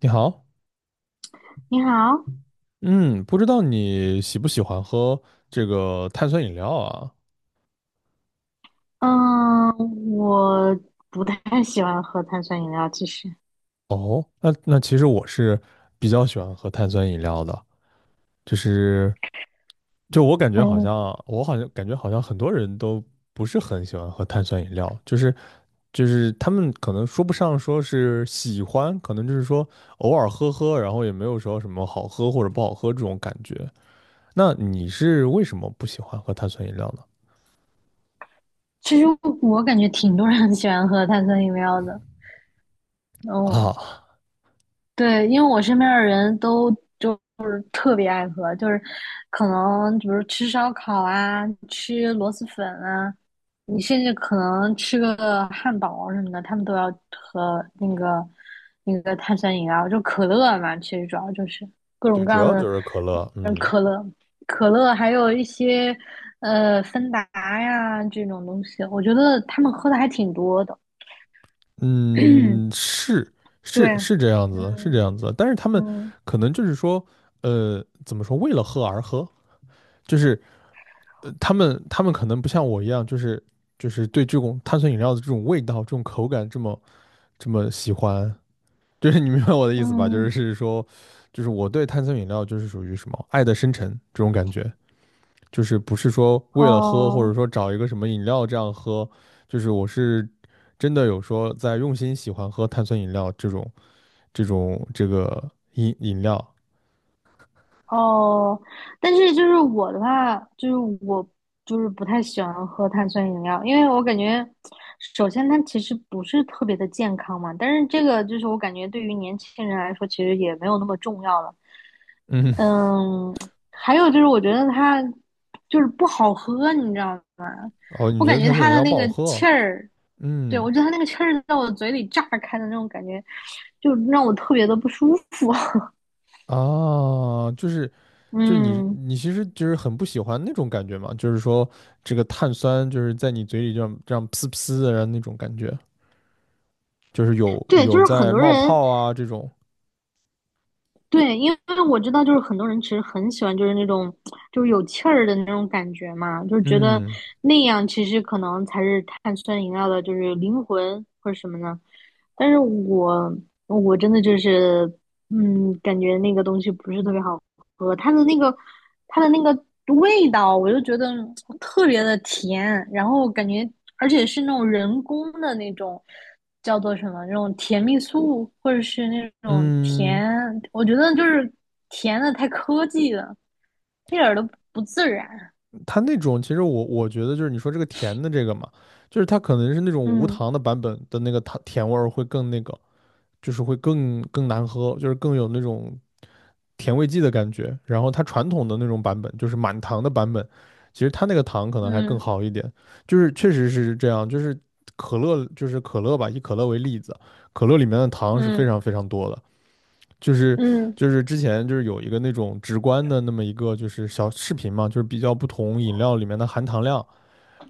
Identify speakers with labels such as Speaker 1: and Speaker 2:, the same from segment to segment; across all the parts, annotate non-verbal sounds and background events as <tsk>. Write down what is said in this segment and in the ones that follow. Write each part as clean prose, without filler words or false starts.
Speaker 1: 你好，
Speaker 2: 你好。
Speaker 1: 嗯，不知道你喜不喜欢喝这个碳酸饮料啊？
Speaker 2: 嗯，我不太喜欢喝碳酸饮料，其实。
Speaker 1: 哦，那其实我是比较喜欢喝碳酸饮料的，就是就我感觉好
Speaker 2: 嗯，
Speaker 1: 像我好像感觉好像很多人都不是很喜欢喝碳酸饮料，就是他们可能说不上说是喜欢，可能就是说偶尔喝喝，然后也没有说什么好喝或者不好喝这种感觉。那你是为什么不喜欢喝碳酸饮料呢？
Speaker 2: 其实我感觉挺多人 <laughs> 很喜欢喝碳酸饮料的。嗯。
Speaker 1: 啊，
Speaker 2: 对，因为我身边的人都就是特别爱喝，就是可能比如吃烧烤啊，吃螺蛳粉啊，你甚至可能吃个汉堡什么的，他们都要喝那个碳酸饮料，就可乐嘛，其实主要就是各种
Speaker 1: 对，
Speaker 2: 各
Speaker 1: 主
Speaker 2: 样
Speaker 1: 要
Speaker 2: 的。
Speaker 1: 就是可乐，
Speaker 2: 嗯，
Speaker 1: 嗯。
Speaker 2: 可乐，还有一些芬达呀这种东西，我觉得他们喝的还挺多的。嗯
Speaker 1: 嗯，是是
Speaker 2: 对，
Speaker 1: 是这样子的，是这
Speaker 2: 嗯
Speaker 1: 样子的。但是他们
Speaker 2: 嗯
Speaker 1: 可能就是说，怎么说，为了喝而喝，就是他们可能不像我一样，就是对这种碳酸饮料的这种味道、这种口感这么喜欢，就是你明白我的意思吧？就是
Speaker 2: 嗯。
Speaker 1: 是说，就是我对碳酸饮料就是属于什么爱的深沉这种感觉。就是不是说为了喝，或
Speaker 2: 哦
Speaker 1: 者说找一个什么饮料这样喝，就是我是真的有说在用心喜欢喝碳酸饮料这种这个饮料。
Speaker 2: 哦，但是就是我的话，我就是不太喜欢喝碳酸饮料，因为我感觉，首先它其实不是特别的健康嘛，但是这个就是我感觉对于年轻人来说，其实也没有那么重要了。
Speaker 1: 嗯，
Speaker 2: 嗯，还有就是我觉得它就是不好喝，你知道吗？
Speaker 1: 哦，你
Speaker 2: 我
Speaker 1: 觉得
Speaker 2: 感觉
Speaker 1: 碳酸
Speaker 2: 它
Speaker 1: 饮
Speaker 2: 的
Speaker 1: 料不
Speaker 2: 那
Speaker 1: 好
Speaker 2: 个
Speaker 1: 喝？
Speaker 2: 气儿。对，
Speaker 1: 嗯，
Speaker 2: 我觉得它那个气儿在我嘴里炸开的那种感觉，就让我特别的不舒服。<laughs>
Speaker 1: 啊，就是你
Speaker 2: 嗯，
Speaker 1: 你其实就是很不喜欢那种感觉嘛，就是说这个碳酸就是在你嘴里这样这样呲呲的，然后那种感觉，就是有
Speaker 2: 对，就
Speaker 1: 有
Speaker 2: 是很
Speaker 1: 在
Speaker 2: 多
Speaker 1: 冒
Speaker 2: 人。
Speaker 1: 泡啊这种。
Speaker 2: 对，因为我知道，就是很多人其实很喜欢，就是那种就是有气儿的那种感觉嘛，就是觉得
Speaker 1: 嗯
Speaker 2: 那样其实可能才是碳酸饮料的，就是灵魂或者什么呢。但是我真的就是，嗯，感觉那个东西不是特别好喝，它的那个味道，我就觉得特别的甜，然后感觉而且是那种人工的那种叫做什么那种甜蜜素，或者是那种
Speaker 1: 嗯。
Speaker 2: 甜，我觉得就是甜的太科技了，一点儿都不自然。
Speaker 1: 它那种其实我觉得就是你说这个甜的这个嘛，就是它可能是那种无
Speaker 2: 嗯
Speaker 1: 糖的版本的那个糖甜味儿会更那个，就是会更难喝，就是更有那种甜味剂的感觉。然后它传统的那种版本，就是满糖的版本，其实它那个糖可能还更
Speaker 2: 嗯
Speaker 1: 好一点。就是确实是这样，就是可乐就是可乐吧，以可乐为例子，可乐里面的糖是非
Speaker 2: 嗯
Speaker 1: 常非常多的，就是
Speaker 2: 嗯
Speaker 1: 就是之前就是有一个那种直观的那么一个就是小视频嘛，就是比较不同饮料里面的含糖量，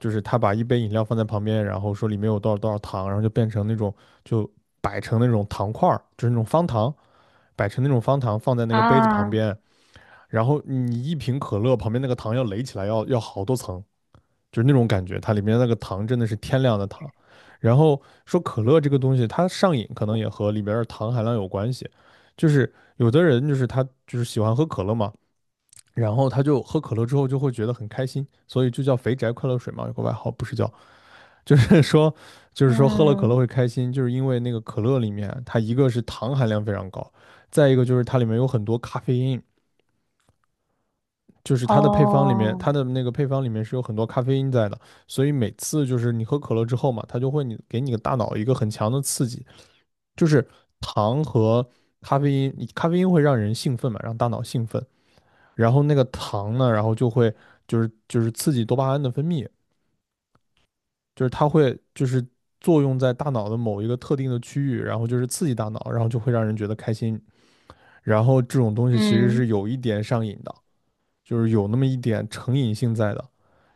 Speaker 1: 就是他把一杯饮料放在旁边，然后说里面有多少多少糖，然后就变成那种就摆成那种糖块儿，就是那种方糖，摆成那种方糖放在那个杯子旁
Speaker 2: 啊
Speaker 1: 边，然后你一瓶可乐旁边那个糖要垒起来要好多层，就是那种感觉，它里面那个糖真的是天量的糖。然后说可乐这个东西，它上瘾可能也和里边的糖含量有关系，就是有的人就是他就是喜欢喝可乐嘛，然后他就喝可乐之后就会觉得很开心，所以就叫肥宅快乐水嘛，有个外号不是叫，就是 <laughs> 说就是说喝了可乐
Speaker 2: 嗯
Speaker 1: 会开心，就是因为那个可乐里面它一个是糖含量非常高，再一个就是它里面有很多咖啡因，就是它的配方里面，
Speaker 2: 哦
Speaker 1: 它的那个配方里面是有很多咖啡因在的，所以每次就是你喝可乐之后嘛，它就会你给你个大脑一个很强的刺激，就是糖和咖啡因，咖啡因会让人兴奋嘛，让大脑兴奋，然后那个糖呢，然后就会就是刺激多巴胺的分泌，就是它会就是作用在大脑的某一个特定的区域，然后就是刺激大脑，然后就会让人觉得开心，然后这种东西其实
Speaker 2: 嗯
Speaker 1: 是有一点上瘾的，就是有那么一点成瘾性在的。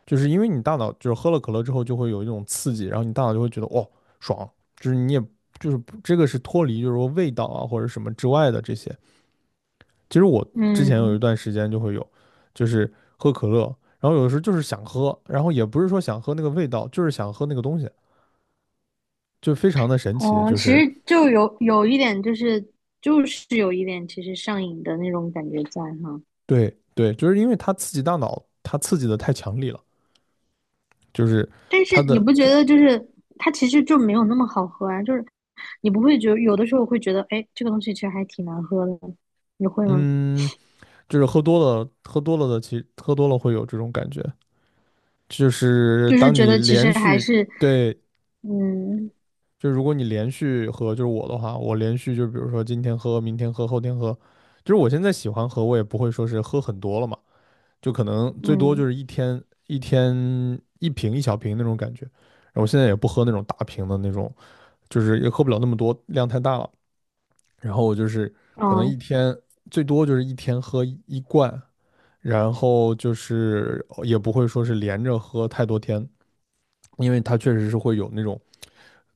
Speaker 1: 就是因为你大脑就是喝了可乐之后就会有一种刺激，然后你大脑就会觉得哦爽，就是你也就是这个是脱离就是说味道啊或者什么之外的这些。其实我之前有一
Speaker 2: 嗯。
Speaker 1: 段时间就会有，就是喝可乐，然后有的时候就是想喝，然后也不是说想喝那个味道，就是想喝那个东西，就非常的神奇，
Speaker 2: 哦，
Speaker 1: 就
Speaker 2: 其
Speaker 1: 是
Speaker 2: 实就有一点就是就是有一点其实上瘾的那种感觉在哈。
Speaker 1: 对对，就是因为它刺激大脑，它刺激的太强烈了，就是
Speaker 2: 但是
Speaker 1: 它
Speaker 2: 你
Speaker 1: 的
Speaker 2: 不觉得就是它其实就没有那么好喝啊？就是你不会觉得有的时候会觉得，哎，这个东西其实还挺难喝的，你会吗？
Speaker 1: 嗯，喝多了会有这种感觉。就是
Speaker 2: 就是
Speaker 1: 当
Speaker 2: 觉
Speaker 1: 你
Speaker 2: 得其
Speaker 1: 连
Speaker 2: 实还
Speaker 1: 续
Speaker 2: 是，
Speaker 1: 对，
Speaker 2: 嗯
Speaker 1: 就如果你连续喝，就是我的话，我连续就比如说今天喝，明天喝，后天喝，就是我现在喜欢喝，我也不会说是喝很多了嘛，就可能最多就
Speaker 2: 嗯
Speaker 1: 是一天一瓶一小瓶那种感觉。然后我现在也不喝那种大瓶的那种，就是也喝不了那么多，量太大了。然后我就是可能一
Speaker 2: 嗯。
Speaker 1: 天最多就是一天喝一罐，然后就是也不会说是连着喝太多天，因为它确实是会有那种。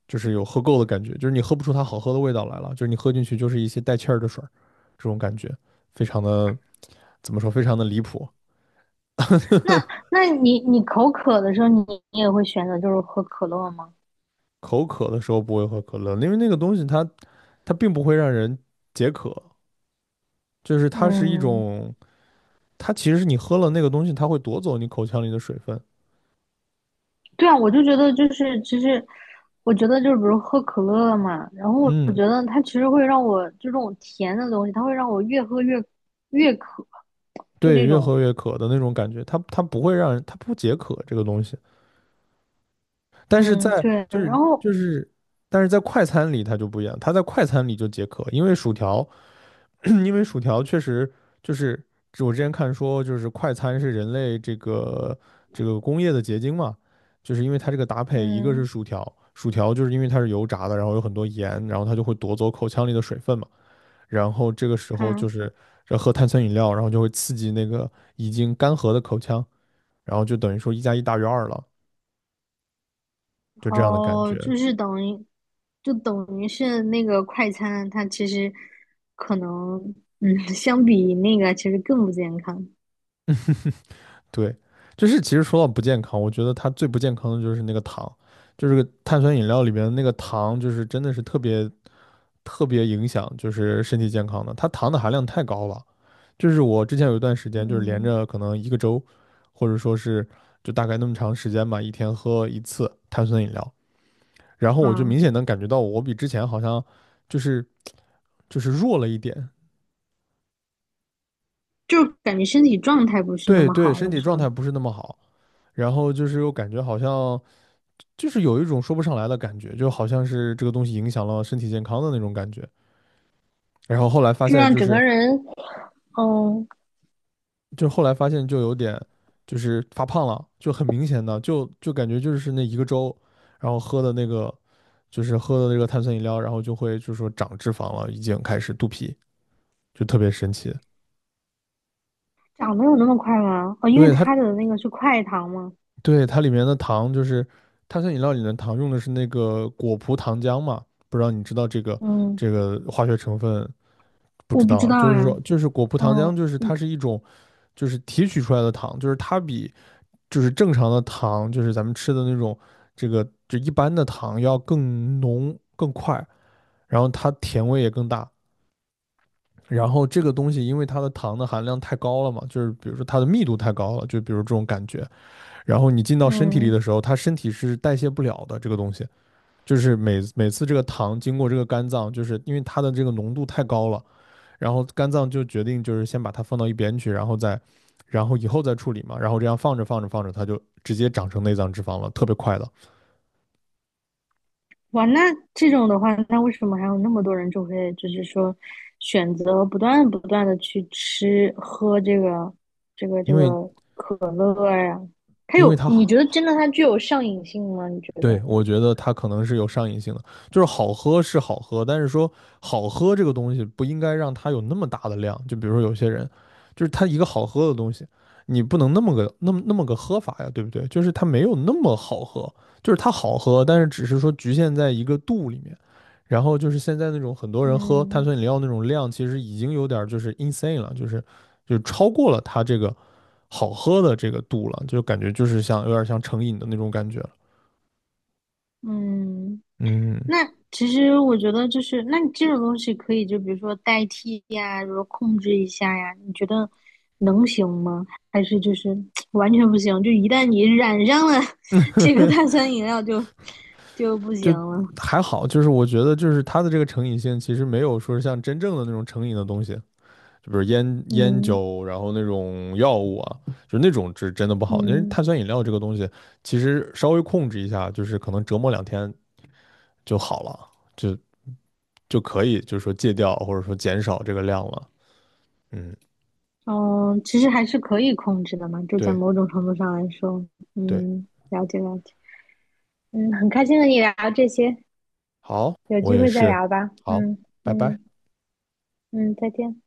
Speaker 1: 就是有喝够的感觉，就是你喝不出它好喝的味道来了，就是你喝进去就是一些带气儿的水儿，这种感觉非常的怎么说，非常的离谱。
Speaker 2: 那那你口渴的时候你，你也会选择就是喝可乐吗？
Speaker 1: 口渴的时候不会喝可乐，因为那个东西它并不会让人解渴，就是它是一
Speaker 2: 嗯，
Speaker 1: 种，它其实是你喝了那个东西，它会夺走你口腔里的水分。
Speaker 2: 对啊，我就觉得就是其实。我觉得就是比如喝可乐嘛，然后我
Speaker 1: 嗯，
Speaker 2: 觉得它其实会让我就这种甜的东西，它会让我越喝越越渴，就
Speaker 1: 对，
Speaker 2: 那
Speaker 1: 越
Speaker 2: 种。
Speaker 1: 喝越渴的那种感觉，它不会让人，它不解渴这个东西，但是
Speaker 2: 嗯，
Speaker 1: 在
Speaker 2: 对，
Speaker 1: 就
Speaker 2: 然
Speaker 1: 是
Speaker 2: 后
Speaker 1: 就是，但是在快餐里它就不一样，它在快餐里就解渴，因为薯条。<clears throat> 因为薯条确实就是我之前看说，就是快餐是人类这个工业的结晶嘛，就是因为它这个搭配，一个是
Speaker 2: 嗯，
Speaker 1: 薯条，薯条就是因为它是油炸的，然后有很多盐，然后它就会夺走口腔里的水分嘛，然后这个时候就
Speaker 2: 看。
Speaker 1: 是这喝碳酸饮料，然后就会刺激那个已经干涸的口腔，然后就等于说一加一大于二了，就这样的感
Speaker 2: 哦，
Speaker 1: 觉。
Speaker 2: 就是等于，就等于是那个快餐，它其实可能，嗯，<laughs> 相比那个其实更不健康。
Speaker 1: 对，就是其实说到不健康，我觉得它最不健康的就是那个糖，就是个碳酸饮料里面的那个糖，就是真的是特别特别影响就是身体健康的，它糖的含量太高了。就是我之前有一段时间，就是连
Speaker 2: 嗯
Speaker 1: 着可能一个周，或者说是就大概那么长时间吧，一天喝一次碳酸饮料，然后我就
Speaker 2: 啊，
Speaker 1: 明显能感觉到我比之前好像就是就是弱了一点，
Speaker 2: 就感觉身体状态不是那
Speaker 1: 对
Speaker 2: 么
Speaker 1: 对，
Speaker 2: 好了，
Speaker 1: 身体
Speaker 2: 是
Speaker 1: 状
Speaker 2: 吧？
Speaker 1: 态不是那么好，然后就是又感觉好像就是有一种说不上来的感觉，就好像是这个东西影响了身体健康的那种感觉。然后后来发
Speaker 2: 就
Speaker 1: 现，
Speaker 2: 让
Speaker 1: 就
Speaker 2: 整个
Speaker 1: 是
Speaker 2: 人。嗯，
Speaker 1: 就后来发现就有点就是发胖了，就很明显的，就感觉就是那一个周，然后喝的那个就是喝的那个碳酸饮料，然后就会就是说长脂肪了，已经开始肚皮，就特别神奇。
Speaker 2: 长得有那么快吗？哦，因为
Speaker 1: 对它，
Speaker 2: 它的那个是快糖嘛。
Speaker 1: 对它里面的糖就是碳酸饮料里的糖用的是那个果葡糖浆嘛，不知道你知道这个
Speaker 2: 嗯，
Speaker 1: 这个化学成分不
Speaker 2: 我
Speaker 1: 知
Speaker 2: 不知
Speaker 1: 道，就
Speaker 2: 道
Speaker 1: 是
Speaker 2: 呀。
Speaker 1: 说，就是果葡糖浆，
Speaker 2: 嗯
Speaker 1: 就是它是一种，就是提取出来的糖，就是它比就是正常的糖，就是咱们吃的那种这个就一般的糖要更浓更快，然后它甜味也更大。然后这个东西因为它的糖的含量太高了嘛，就是比如说它的密度太高了，就比如这种感觉。然后你进到身体里
Speaker 2: 嗯。
Speaker 1: 的时候，它身体是代谢不了的这个东西，就是每次这个糖经过这个肝脏，就是因为它的这个浓度太高了。然后肝脏就决定就是先把它放到一边去，然后再，然后以后再处理嘛，然后这样放着放着放着，它就直接长成内脏脂肪了，特别快的，
Speaker 2: 哇，那这种的话，那为什么还有那么多人就会就是说选择不断的去吃喝这个这
Speaker 1: 因为
Speaker 2: 个可乐呀？它
Speaker 1: 因为
Speaker 2: 有，
Speaker 1: 它
Speaker 2: 你觉得真的它具有上瘾性吗？你觉
Speaker 1: 对，
Speaker 2: 得？
Speaker 1: 我觉得它可能是有上瘾性的，就是好喝是好喝，但是说好喝这个东西不应该让它有那么大的量。就比如说有些人，就是他一个好喝的东西，你不能那么个那么个喝法呀，对不对？就是它没有那么好喝，就是它好喝，但是只是说局限在一个度里面。然后就是现在那种很多人喝碳
Speaker 2: 嗯
Speaker 1: 酸饮料那种量，其实已经有点就是 insane 了，就是超过了它这个好喝的这个度了，就感觉就是像有点像成瘾的那种感觉了。
Speaker 2: 嗯。
Speaker 1: 嗯。
Speaker 2: 那其实我觉得就是，那你这种东西可以就比如说代替呀，比如说控制一下呀，你觉得能行吗？还是就是 <tsk> 完全不行？就一旦你染上了 <laughs> 这个碳
Speaker 1: <laughs>
Speaker 2: 酸饮料就就不行
Speaker 1: 就
Speaker 2: 了。
Speaker 1: 还好，就是我觉得就是它的这个成瘾性其实没有说是像真正的那种成瘾的东西，就比如烟
Speaker 2: 嗯
Speaker 1: 酒，然后那种药物啊，就那种是真的不好。因为
Speaker 2: 嗯。
Speaker 1: 碳酸饮料这个东西，其实稍微控制一下，就是可能折磨两天就好了，就就可以就是说戒掉或者说减少这个量了。嗯，
Speaker 2: 哦，其实还是可以控制的嘛，就在
Speaker 1: 对
Speaker 2: 某种程度上来说。
Speaker 1: 对，
Speaker 2: 嗯，了解了解。嗯，很开心和你聊这些，
Speaker 1: 好，
Speaker 2: 有
Speaker 1: 我
Speaker 2: 机
Speaker 1: 也
Speaker 2: 会再
Speaker 1: 是，
Speaker 2: 聊吧。
Speaker 1: 好，
Speaker 2: 嗯
Speaker 1: 拜拜。
Speaker 2: 嗯嗯，再见。